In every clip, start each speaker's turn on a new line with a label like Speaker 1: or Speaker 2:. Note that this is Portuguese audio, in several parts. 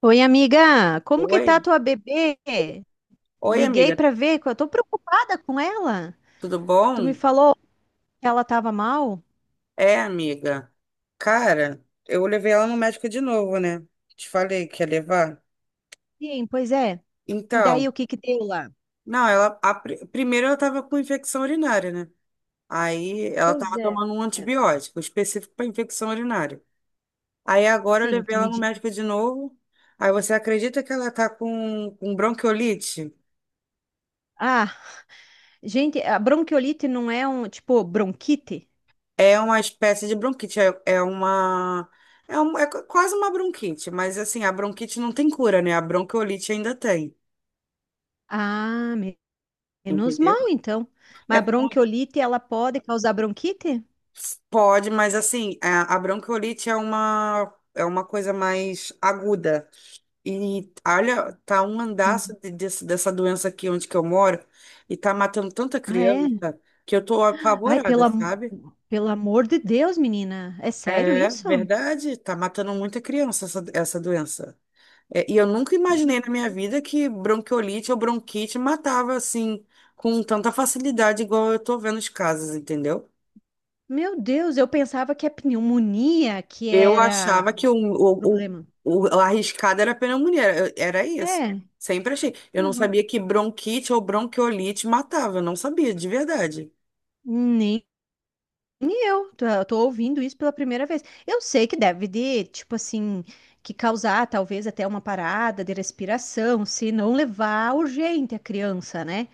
Speaker 1: Oi, amiga, como que tá a
Speaker 2: Oi,
Speaker 1: tua bebê?
Speaker 2: oi,
Speaker 1: Liguei
Speaker 2: amiga,
Speaker 1: pra ver, que eu tô preocupada com ela.
Speaker 2: tudo
Speaker 1: Tu me
Speaker 2: bom?
Speaker 1: falou que ela tava mal?
Speaker 2: É, amiga. Cara, eu levei ela no médico de novo, né? Te falei que ia levar.
Speaker 1: Sim, pois é. E daí
Speaker 2: Então,
Speaker 1: o que que deu lá?
Speaker 2: não, ela primeiro ela tava com infecção urinária, né? Aí ela
Speaker 1: Pois
Speaker 2: tava
Speaker 1: é.
Speaker 2: tomando um
Speaker 1: É.
Speaker 2: antibiótico específico para infecção urinária. Aí agora eu
Speaker 1: Sim,
Speaker 2: levei
Speaker 1: tu
Speaker 2: ela
Speaker 1: me
Speaker 2: no
Speaker 1: diz.
Speaker 2: médico de novo. Aí você acredita que ela tá com bronquiolite?
Speaker 1: Ah, gente, a bronquiolite não é um, tipo, bronquite?
Speaker 2: É uma espécie de bronquite, é, é uma. É, quase uma bronquite, mas assim, a bronquite não tem cura, né? A bronquiolite ainda tem,
Speaker 1: Ah, me- Menos
Speaker 2: entendeu?
Speaker 1: mal então. Mas
Speaker 2: É,
Speaker 1: a bronquiolite, ela pode causar bronquite?
Speaker 2: pode, mas assim, a bronquiolite é uma coisa mais aguda. E olha, tá um andaço
Speaker 1: Hum.
Speaker 2: dessa doença aqui onde que eu moro, e tá matando tanta
Speaker 1: Ah, é?
Speaker 2: criança que eu tô
Speaker 1: Ai, pelo,
Speaker 2: apavorada,
Speaker 1: am-
Speaker 2: sabe?
Speaker 1: Pelo amor de Deus, menina, é sério
Speaker 2: É
Speaker 1: isso?
Speaker 2: verdade, tá matando muita criança essa doença. É, e eu nunca imaginei na minha vida que bronquiolite ou bronquite matava assim com tanta facilidade, igual eu tô vendo os casos, entendeu?
Speaker 1: Meu Deus, eu pensava que a pneumonia que
Speaker 2: Eu
Speaker 1: era
Speaker 2: achava que o, o,
Speaker 1: problema.
Speaker 2: o, o arriscado era a pneumonia, era isso.
Speaker 1: É,
Speaker 2: Sempre achei. Eu não
Speaker 1: aham.
Speaker 2: sabia que bronquite ou bronquiolite matava, eu não sabia, de verdade.
Speaker 1: Nem eu. Eu tô ouvindo isso pela primeira vez. Eu sei que deve de, tipo assim, que causar talvez até uma parada de respiração, se não levar urgente a criança, né?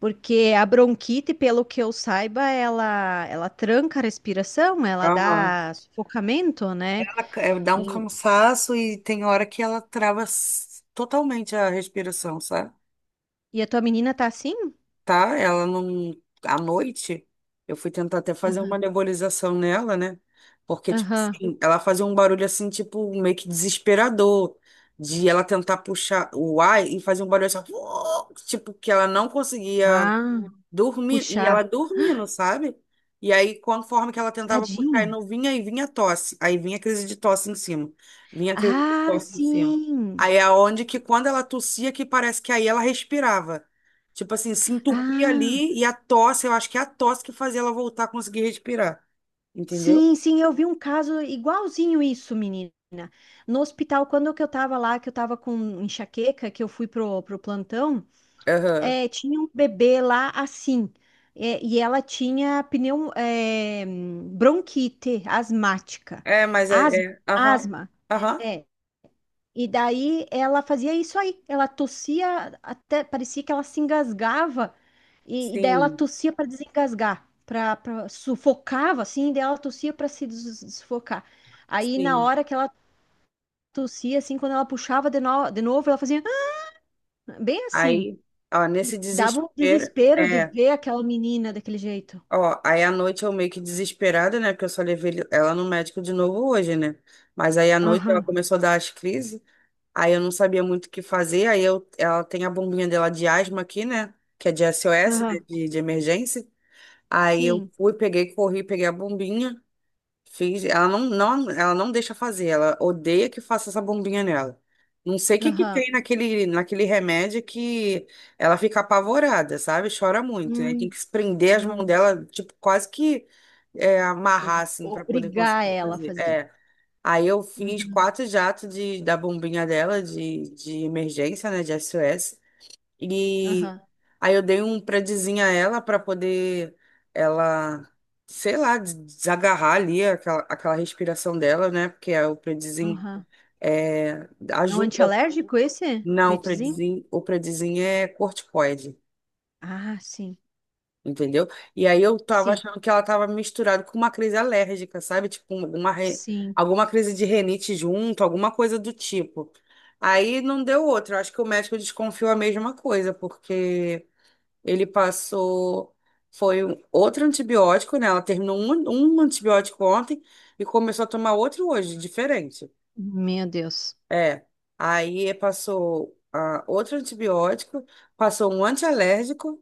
Speaker 1: Porque a bronquite, pelo que eu saiba, ela tranca a respiração, ela
Speaker 2: Aham.
Speaker 1: dá sufocamento, né?
Speaker 2: Ela dá
Speaker 1: E,
Speaker 2: um cansaço e tem hora que ela trava totalmente a respiração, sabe?
Speaker 1: e a tua menina tá assim?
Speaker 2: Tá? Ela não. À noite, eu fui tentar até fazer uma nebulização nela, né? Porque, tipo
Speaker 1: Aham.
Speaker 2: assim, ela fazia um barulho assim, tipo, meio que desesperador, de ela tentar puxar o ar e fazer um barulho assim, ó, tipo, que ela não conseguia.
Speaker 1: Ah,
Speaker 2: Dormindo, e
Speaker 1: puxar.
Speaker 2: ela dormindo, sabe? E aí, conforme que ela tentava puxar, e
Speaker 1: Tadinha.
Speaker 2: não vinha, e vinha tosse. Aí vinha crise de tosse em cima. Vinha crise de
Speaker 1: Ah,
Speaker 2: tosse em cima.
Speaker 1: sim.
Speaker 2: Aí é onde que quando ela tossia, que parece que aí ela respirava. Tipo assim, se entupia
Speaker 1: Ah,
Speaker 2: ali e a tosse, eu acho que é a tosse que fazia ela voltar a conseguir respirar. Entendeu?
Speaker 1: sim, sim, eu vi um caso igualzinho isso, menina. No hospital, quando que eu tava lá, que eu tava com enxaqueca, que eu fui pro, pro plantão,
Speaker 2: Aham.
Speaker 1: é, tinha um bebê lá assim. É, e ela tinha pneu, é, bronquite asmática.
Speaker 2: É, mas
Speaker 1: Asma,
Speaker 2: é. É, aham.
Speaker 1: asma.
Speaker 2: Aham.
Speaker 1: É. E daí ela fazia isso aí. Ela tossia até, parecia que ela se engasgava. E daí ela
Speaker 2: Sim.
Speaker 1: tossia para desengasgar, para sufocava assim, e daí ela tossia para se des- sufocar. Aí na
Speaker 2: Sim.
Speaker 1: hora que ela tossia assim, quando ela puxava de, no- de novo, ela fazia "Ah", bem assim.
Speaker 2: Aí, ó, nesse
Speaker 1: Dava um
Speaker 2: desespero.
Speaker 1: desespero de
Speaker 2: É.
Speaker 1: ver aquela menina daquele jeito.
Speaker 2: Ó, aí à noite eu meio que desesperada, né? Porque eu só levei ela no médico de novo hoje, né? Mas aí à noite ela
Speaker 1: Aham,
Speaker 2: começou a dar as crises, aí eu não sabia muito o que fazer, ela tem a bombinha dela de asma aqui, né? Que é de SOS, né?
Speaker 1: aham.
Speaker 2: De emergência. Aí eu
Speaker 1: Sim,
Speaker 2: fui, peguei, corri, peguei a bombinha. Fiz, ela não deixa fazer, ela odeia que faça essa bombinha nela. Não sei o que que
Speaker 1: aham.
Speaker 2: tem naquele remédio que ela fica apavorada, sabe? Chora muito. Aí tem
Speaker 1: Hum,
Speaker 2: que prender as mãos
Speaker 1: hum.
Speaker 2: dela, tipo, quase que amarrar, assim, para poder
Speaker 1: Obrigar
Speaker 2: conseguir
Speaker 1: ela a
Speaker 2: fazer.
Speaker 1: fazer.
Speaker 2: É. Aí eu fiz
Speaker 1: Uhum.
Speaker 2: quatro jatos da bombinha dela, de emergência, né, de SOS e
Speaker 1: Aham,
Speaker 2: aí eu dei um predizinho a ela para poder ela, sei lá, desagarrar ali aquela respiração dela, né? Porque é o predizinho
Speaker 1: aham. É um
Speaker 2: ajuda.
Speaker 1: antialérgico esse,
Speaker 2: Não, o
Speaker 1: Redizin?
Speaker 2: predizinho, o predizinho é corticoide.
Speaker 1: Ah, sim,
Speaker 2: Entendeu? E aí eu tava
Speaker 1: sim,
Speaker 2: achando que ela tava misturada com uma crise alérgica, sabe? Tipo,
Speaker 1: sim.
Speaker 2: alguma crise de renite junto, alguma coisa do tipo. Aí não deu outra. Eu acho que o médico desconfiou a mesma coisa, porque ele passou. Foi outro antibiótico, né? Ela terminou um antibiótico ontem e começou a tomar outro hoje, diferente.
Speaker 1: Meu Deus.
Speaker 2: É. Aí passou outro antibiótico, passou um antialérgico,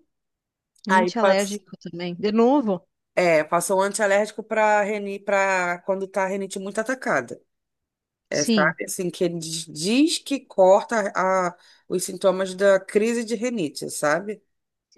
Speaker 2: aí passou.
Speaker 1: Antialérgico também. De novo?
Speaker 2: É, passou um antialérgico para quando tá a rinite muito atacada. É,
Speaker 1: Sim,
Speaker 2: sabe? Assim, que ele diz que corta os sintomas da crise de rinite, sabe?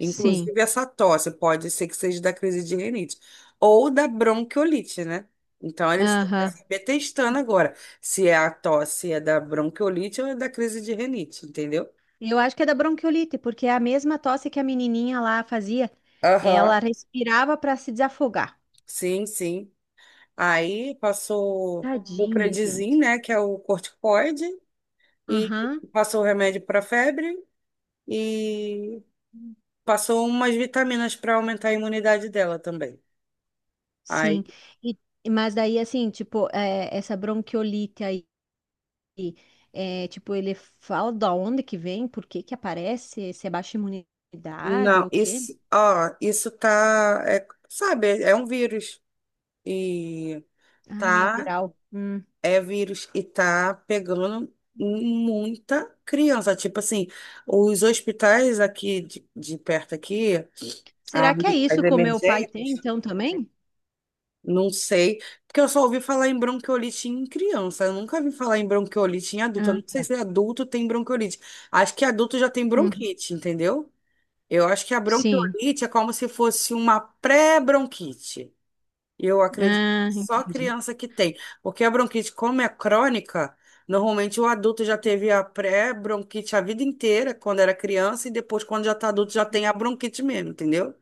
Speaker 1: sim.
Speaker 2: essa tosse pode ser que seja da crise de rinite ou da bronquiolite, né? Então, eles estão pra
Speaker 1: Aham.
Speaker 2: saber testando agora se é a tosse é da bronquiolite ou é da crise de rinite, entendeu?
Speaker 1: Eu acho que é da bronquiolite, porque é a mesma tosse que a menininha lá fazia.
Speaker 2: Aham.
Speaker 1: Ela respirava para se desafogar.
Speaker 2: Sim, sim. Aí passou o
Speaker 1: Tadinha,
Speaker 2: Predizin,
Speaker 1: gente.
Speaker 2: né, que é o corticoide, e
Speaker 1: Aham.
Speaker 2: passou o remédio para febre e passou umas vitaminas para aumentar a imunidade dela também. Aí
Speaker 1: Sim. E, mas daí, assim, tipo, é, essa bronquiolite aí, é, tipo, ele fala da onde que vem, por que que aparece, se é baixa imunidade ou
Speaker 2: não,
Speaker 1: o quê?
Speaker 2: isso, ó, isso tá, sabe, é um vírus e
Speaker 1: Ah, é
Speaker 2: tá,
Speaker 1: viral. Hum.
Speaker 2: é vírus e tá pegando muita criança. Tipo assim, os hospitais aqui de perto aqui, a-
Speaker 1: Será que é
Speaker 2: as
Speaker 1: isso que o meu pai tem,
Speaker 2: emergências,
Speaker 1: então, também?
Speaker 2: não sei, porque eu só ouvi falar em bronquiolite em criança. Eu nunca vi falar em bronquiolite em adulto. Eu
Speaker 1: Ah,
Speaker 2: não sei
Speaker 1: tá.
Speaker 2: se adulto tem bronquiolite. Acho que adulto já tem
Speaker 1: Uhum.
Speaker 2: bronquite, entendeu? Eu acho que a
Speaker 1: Sim.
Speaker 2: bronquiolite é como se fosse uma pré-bronquite. Eu acredito
Speaker 1: Ah,
Speaker 2: que só
Speaker 1: entendi.
Speaker 2: criança que tem. Porque a bronquite, como é crônica, normalmente o adulto já teve a pré-bronquite a vida inteira, quando era criança, e depois, quando já está adulto, já tem a bronquite mesmo, entendeu?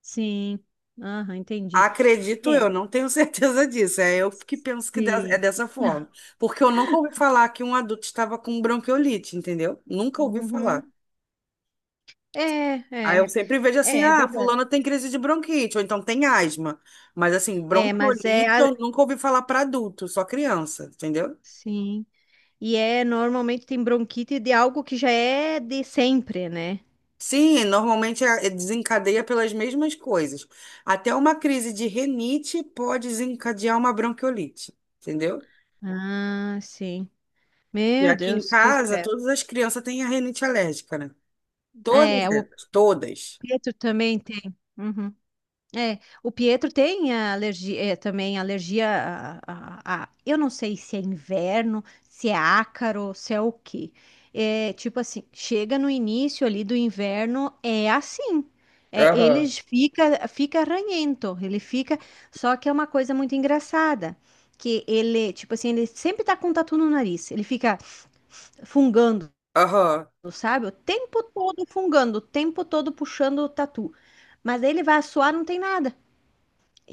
Speaker 1: Sim. Aham, entendi.
Speaker 2: Acredito
Speaker 1: É.
Speaker 2: eu, não tenho certeza disso. É eu que penso que é
Speaker 1: Sim.
Speaker 2: dessa forma. Porque eu nunca ouvi falar que um adulto estava com bronquiolite, entendeu? Nunca ouvi falar.
Speaker 1: Uhum. É,
Speaker 2: Aí
Speaker 1: é,
Speaker 2: eu sempre vejo assim,
Speaker 1: é, é
Speaker 2: ah,
Speaker 1: verdade.
Speaker 2: fulano tem crise de bronquite, ou então tem asma. Mas assim,
Speaker 1: É, mas é,
Speaker 2: bronquiolite
Speaker 1: a-
Speaker 2: eu nunca ouvi falar para adulto, só criança, entendeu?
Speaker 1: sim. E é, normalmente tem bronquite de algo que já é de sempre, né?
Speaker 2: Sim, normalmente desencadeia pelas mesmas coisas. Até uma crise de renite pode desencadear uma bronquiolite, entendeu?
Speaker 1: Ah, sim.
Speaker 2: E
Speaker 1: Meu
Speaker 2: aqui em
Speaker 1: Deus, que
Speaker 2: casa,
Speaker 1: fé.
Speaker 2: todas as crianças têm a renite alérgica, né?
Speaker 1: É,
Speaker 2: Todas
Speaker 1: o
Speaker 2: elas, todas.
Speaker 1: Pedro também tem. Uhum. É, o Pietro tem a alergia, é, também alergia a, eu não sei se é inverno, se é ácaro, se é o quê. É, tipo assim, chega no início ali do inverno, é assim. É,
Speaker 2: Aham,
Speaker 1: fica ranhento, ele fica, só que é uma coisa muito engraçada, que ele, tipo assim, ele sempre tá com tatu no nariz, ele fica fungando,
Speaker 2: aham.
Speaker 1: sabe? O tempo todo fungando, o tempo todo puxando o tatu. Mas aí ele vai suar, não tem nada.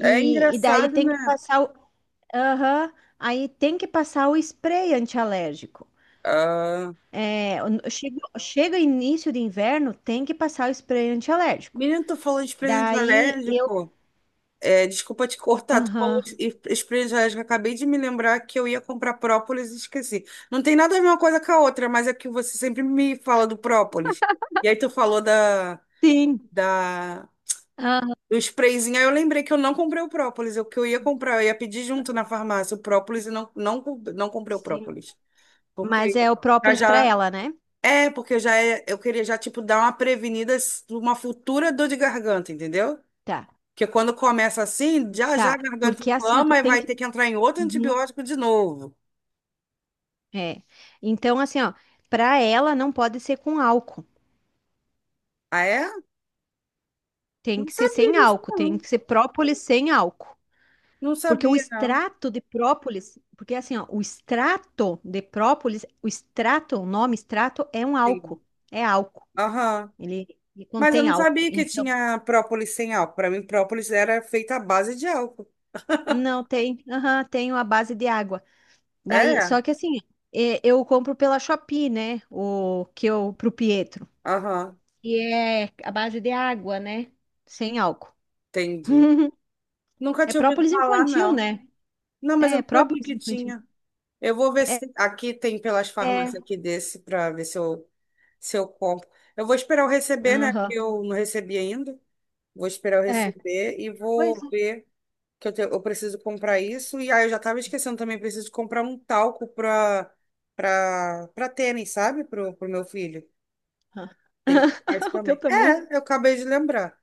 Speaker 2: É
Speaker 1: E daí
Speaker 2: engraçado,
Speaker 1: tem que
Speaker 2: né?
Speaker 1: passar o. Aham, aí tem que passar o spray antialérgico.
Speaker 2: Ah,
Speaker 1: É, chega, chega início de inverno, tem que passar o spray antialérgico.
Speaker 2: menino, tu falou de expediente
Speaker 1: Daí eu.
Speaker 2: alérgico. É, desculpa te cortar, tu falou
Speaker 1: Aham.
Speaker 2: espirituais, que eu acabei de me lembrar que eu ia comprar própolis e esqueci. Não tem nada a ver uma coisa com a outra, mas é que você sempre me fala do própolis. E aí tu falou
Speaker 1: Sim.
Speaker 2: da,
Speaker 1: Aham,
Speaker 2: do sprayzinho, aí eu lembrei que eu não comprei o própolis, o que eu ia comprar, eu ia pedir junto na farmácia o própolis e não comprei o
Speaker 1: sim.
Speaker 2: própolis.
Speaker 1: Mas
Speaker 2: Porque
Speaker 1: é o
Speaker 2: já,
Speaker 1: própolis para
Speaker 2: já
Speaker 1: ela, né?
Speaker 2: porque eu queria já, tipo, dar uma prevenida, uma futura dor de garganta, entendeu?
Speaker 1: Tá,
Speaker 2: Porque quando começa assim, já já a
Speaker 1: tá.
Speaker 2: garganta
Speaker 1: Porque assim, tu
Speaker 2: inflama e
Speaker 1: tem
Speaker 2: vai
Speaker 1: que.
Speaker 2: ter que entrar em outro
Speaker 1: Uhum.
Speaker 2: antibiótico de novo.
Speaker 1: É. Então, assim, ó, para ela não pode ser com álcool.
Speaker 2: Ah, é?
Speaker 1: Tem
Speaker 2: Não
Speaker 1: que ser
Speaker 2: sabia
Speaker 1: sem
Speaker 2: disso,
Speaker 1: álcool. Tem
Speaker 2: não.
Speaker 1: que ser própolis sem álcool.
Speaker 2: Não
Speaker 1: Porque o
Speaker 2: sabia, não.
Speaker 1: extrato de própolis, porque assim, ó, o extrato de própolis, o extrato, o nome extrato é um
Speaker 2: Sim.
Speaker 1: álcool, é álcool.
Speaker 2: Aham.
Speaker 1: Ele, ele
Speaker 2: Mas eu
Speaker 1: contém
Speaker 2: não
Speaker 1: álcool.
Speaker 2: sabia que
Speaker 1: Então,
Speaker 2: tinha própolis sem álcool. Para mim, própolis era feita à base de álcool.
Speaker 1: não tem, aham, tem a base de água. Daí,
Speaker 2: É?
Speaker 1: só que assim, é, eu compro pela Shopee, né? O que eu pro Pietro.
Speaker 2: Aham.
Speaker 1: E é a base de água, né? Sem álcool.
Speaker 2: Entendi. Nunca
Speaker 1: É
Speaker 2: tinha ouvido
Speaker 1: própolis
Speaker 2: falar,
Speaker 1: infantil,
Speaker 2: não.
Speaker 1: né?
Speaker 2: Não, mas eu
Speaker 1: É,
Speaker 2: não sabia
Speaker 1: própolis
Speaker 2: que
Speaker 1: infantil.
Speaker 2: tinha. Eu vou ver
Speaker 1: É,
Speaker 2: se aqui tem pelas
Speaker 1: é,
Speaker 2: farmácias aqui desse para ver se eu, compro. Eu vou esperar eu receber, né? Porque
Speaker 1: aham,
Speaker 2: eu não recebi ainda. Vou esperar eu
Speaker 1: é.
Speaker 2: receber e
Speaker 1: Pois
Speaker 2: vou ver que eu preciso comprar isso. E aí eu já tava esquecendo também, preciso comprar um talco pra tênis, sabe? Pro meu filho. Tem que comprar isso
Speaker 1: O teu
Speaker 2: também.
Speaker 1: também?
Speaker 2: É, eu acabei de lembrar.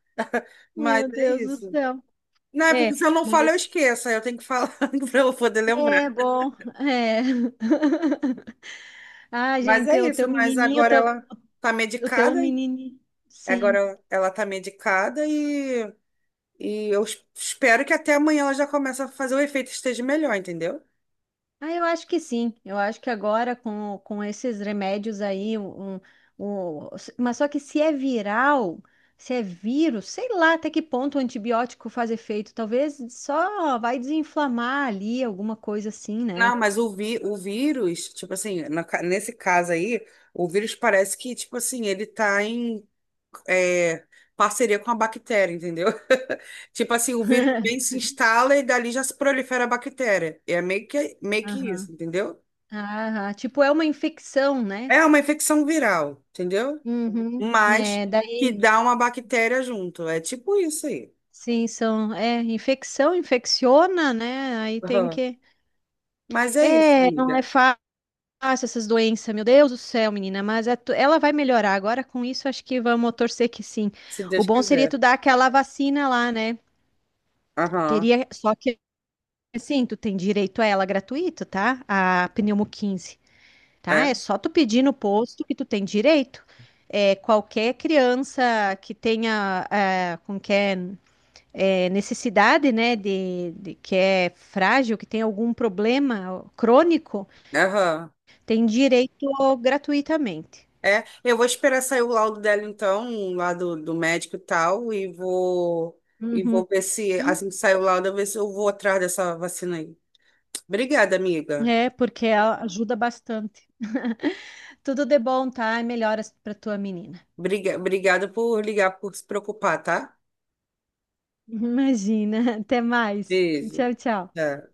Speaker 2: Mas
Speaker 1: Meu
Speaker 2: é
Speaker 1: Deus do
Speaker 2: isso.
Speaker 1: céu.
Speaker 2: Não, é porque
Speaker 1: É,
Speaker 2: se eu não falo, eu
Speaker 1: mas
Speaker 2: esqueço. Aí eu tenho que falar pra eu poder lembrar.
Speaker 1: é bom. É. Ah,
Speaker 2: Mas é
Speaker 1: gente, o
Speaker 2: isso.
Speaker 1: teu
Speaker 2: Mas
Speaker 1: menininho,
Speaker 2: agora
Speaker 1: tam-
Speaker 2: ela tá
Speaker 1: O teu
Speaker 2: medicada.
Speaker 1: menininho.
Speaker 2: Agora
Speaker 1: Sim.
Speaker 2: ela tá medicada e eu espero que até amanhã ela já comece a fazer o efeito e esteja melhor, entendeu?
Speaker 1: Ah, eu acho que sim. Eu acho que agora com esses remédios aí, um- mas só que se é viral, se é vírus, sei lá até que ponto o antibiótico faz efeito. Talvez só vai desinflamar ali, alguma coisa assim, né?
Speaker 2: Não, mas o vírus, tipo assim, nesse caso aí, o vírus parece que, tipo assim, ele tá em é, parceria com a bactéria, entendeu? Tipo assim, o vírus vem, se instala e dali já se prolifera a bactéria. É meio que
Speaker 1: Aham.
Speaker 2: isso, entendeu?
Speaker 1: Ah, tipo, é uma infecção, né?
Speaker 2: É uma infecção viral, entendeu?
Speaker 1: Uhum.
Speaker 2: Mas
Speaker 1: É,
Speaker 2: que
Speaker 1: daí,
Speaker 2: dá uma bactéria junto. É tipo isso aí.
Speaker 1: sim, são, é, infecção, infecciona, né? Aí tem
Speaker 2: Aham.
Speaker 1: que,
Speaker 2: Mas é isso,
Speaker 1: é, não é
Speaker 2: amiga.
Speaker 1: fácil essas doenças, meu Deus do céu, menina, mas é tu- ela vai melhorar agora com isso, acho que vamos torcer que sim.
Speaker 2: Se
Speaker 1: O
Speaker 2: Deus
Speaker 1: bom seria
Speaker 2: quiser.
Speaker 1: tu dar aquela vacina lá, né?
Speaker 2: Aham.
Speaker 1: Teria, só que, assim, tu tem direito a ela gratuito, tá? A pneumo 15 tá? É
Speaker 2: É?
Speaker 1: só tu pedir no posto que tu tem direito. É, qualquer criança que tenha, é, como que é? É, necessidade, né, de- que é frágil, que tem algum problema crônico,
Speaker 2: Aham.
Speaker 1: tem direito gratuitamente.
Speaker 2: É, eu vou esperar sair o laudo dela então, lá do médico e tal, e vou
Speaker 1: Uhum.
Speaker 2: ver se assim que sair o laudo, eu ver se eu vou atrás dessa vacina aí. Obrigada, amiga.
Speaker 1: É, porque a- ajuda bastante. Tudo de bom, tá? E melhoras para tua menina.
Speaker 2: Obrigada por ligar, por se preocupar, tá?
Speaker 1: Imagina. Até mais.
Speaker 2: Beijo.
Speaker 1: Tchau, tchau.
Speaker 2: Tchau.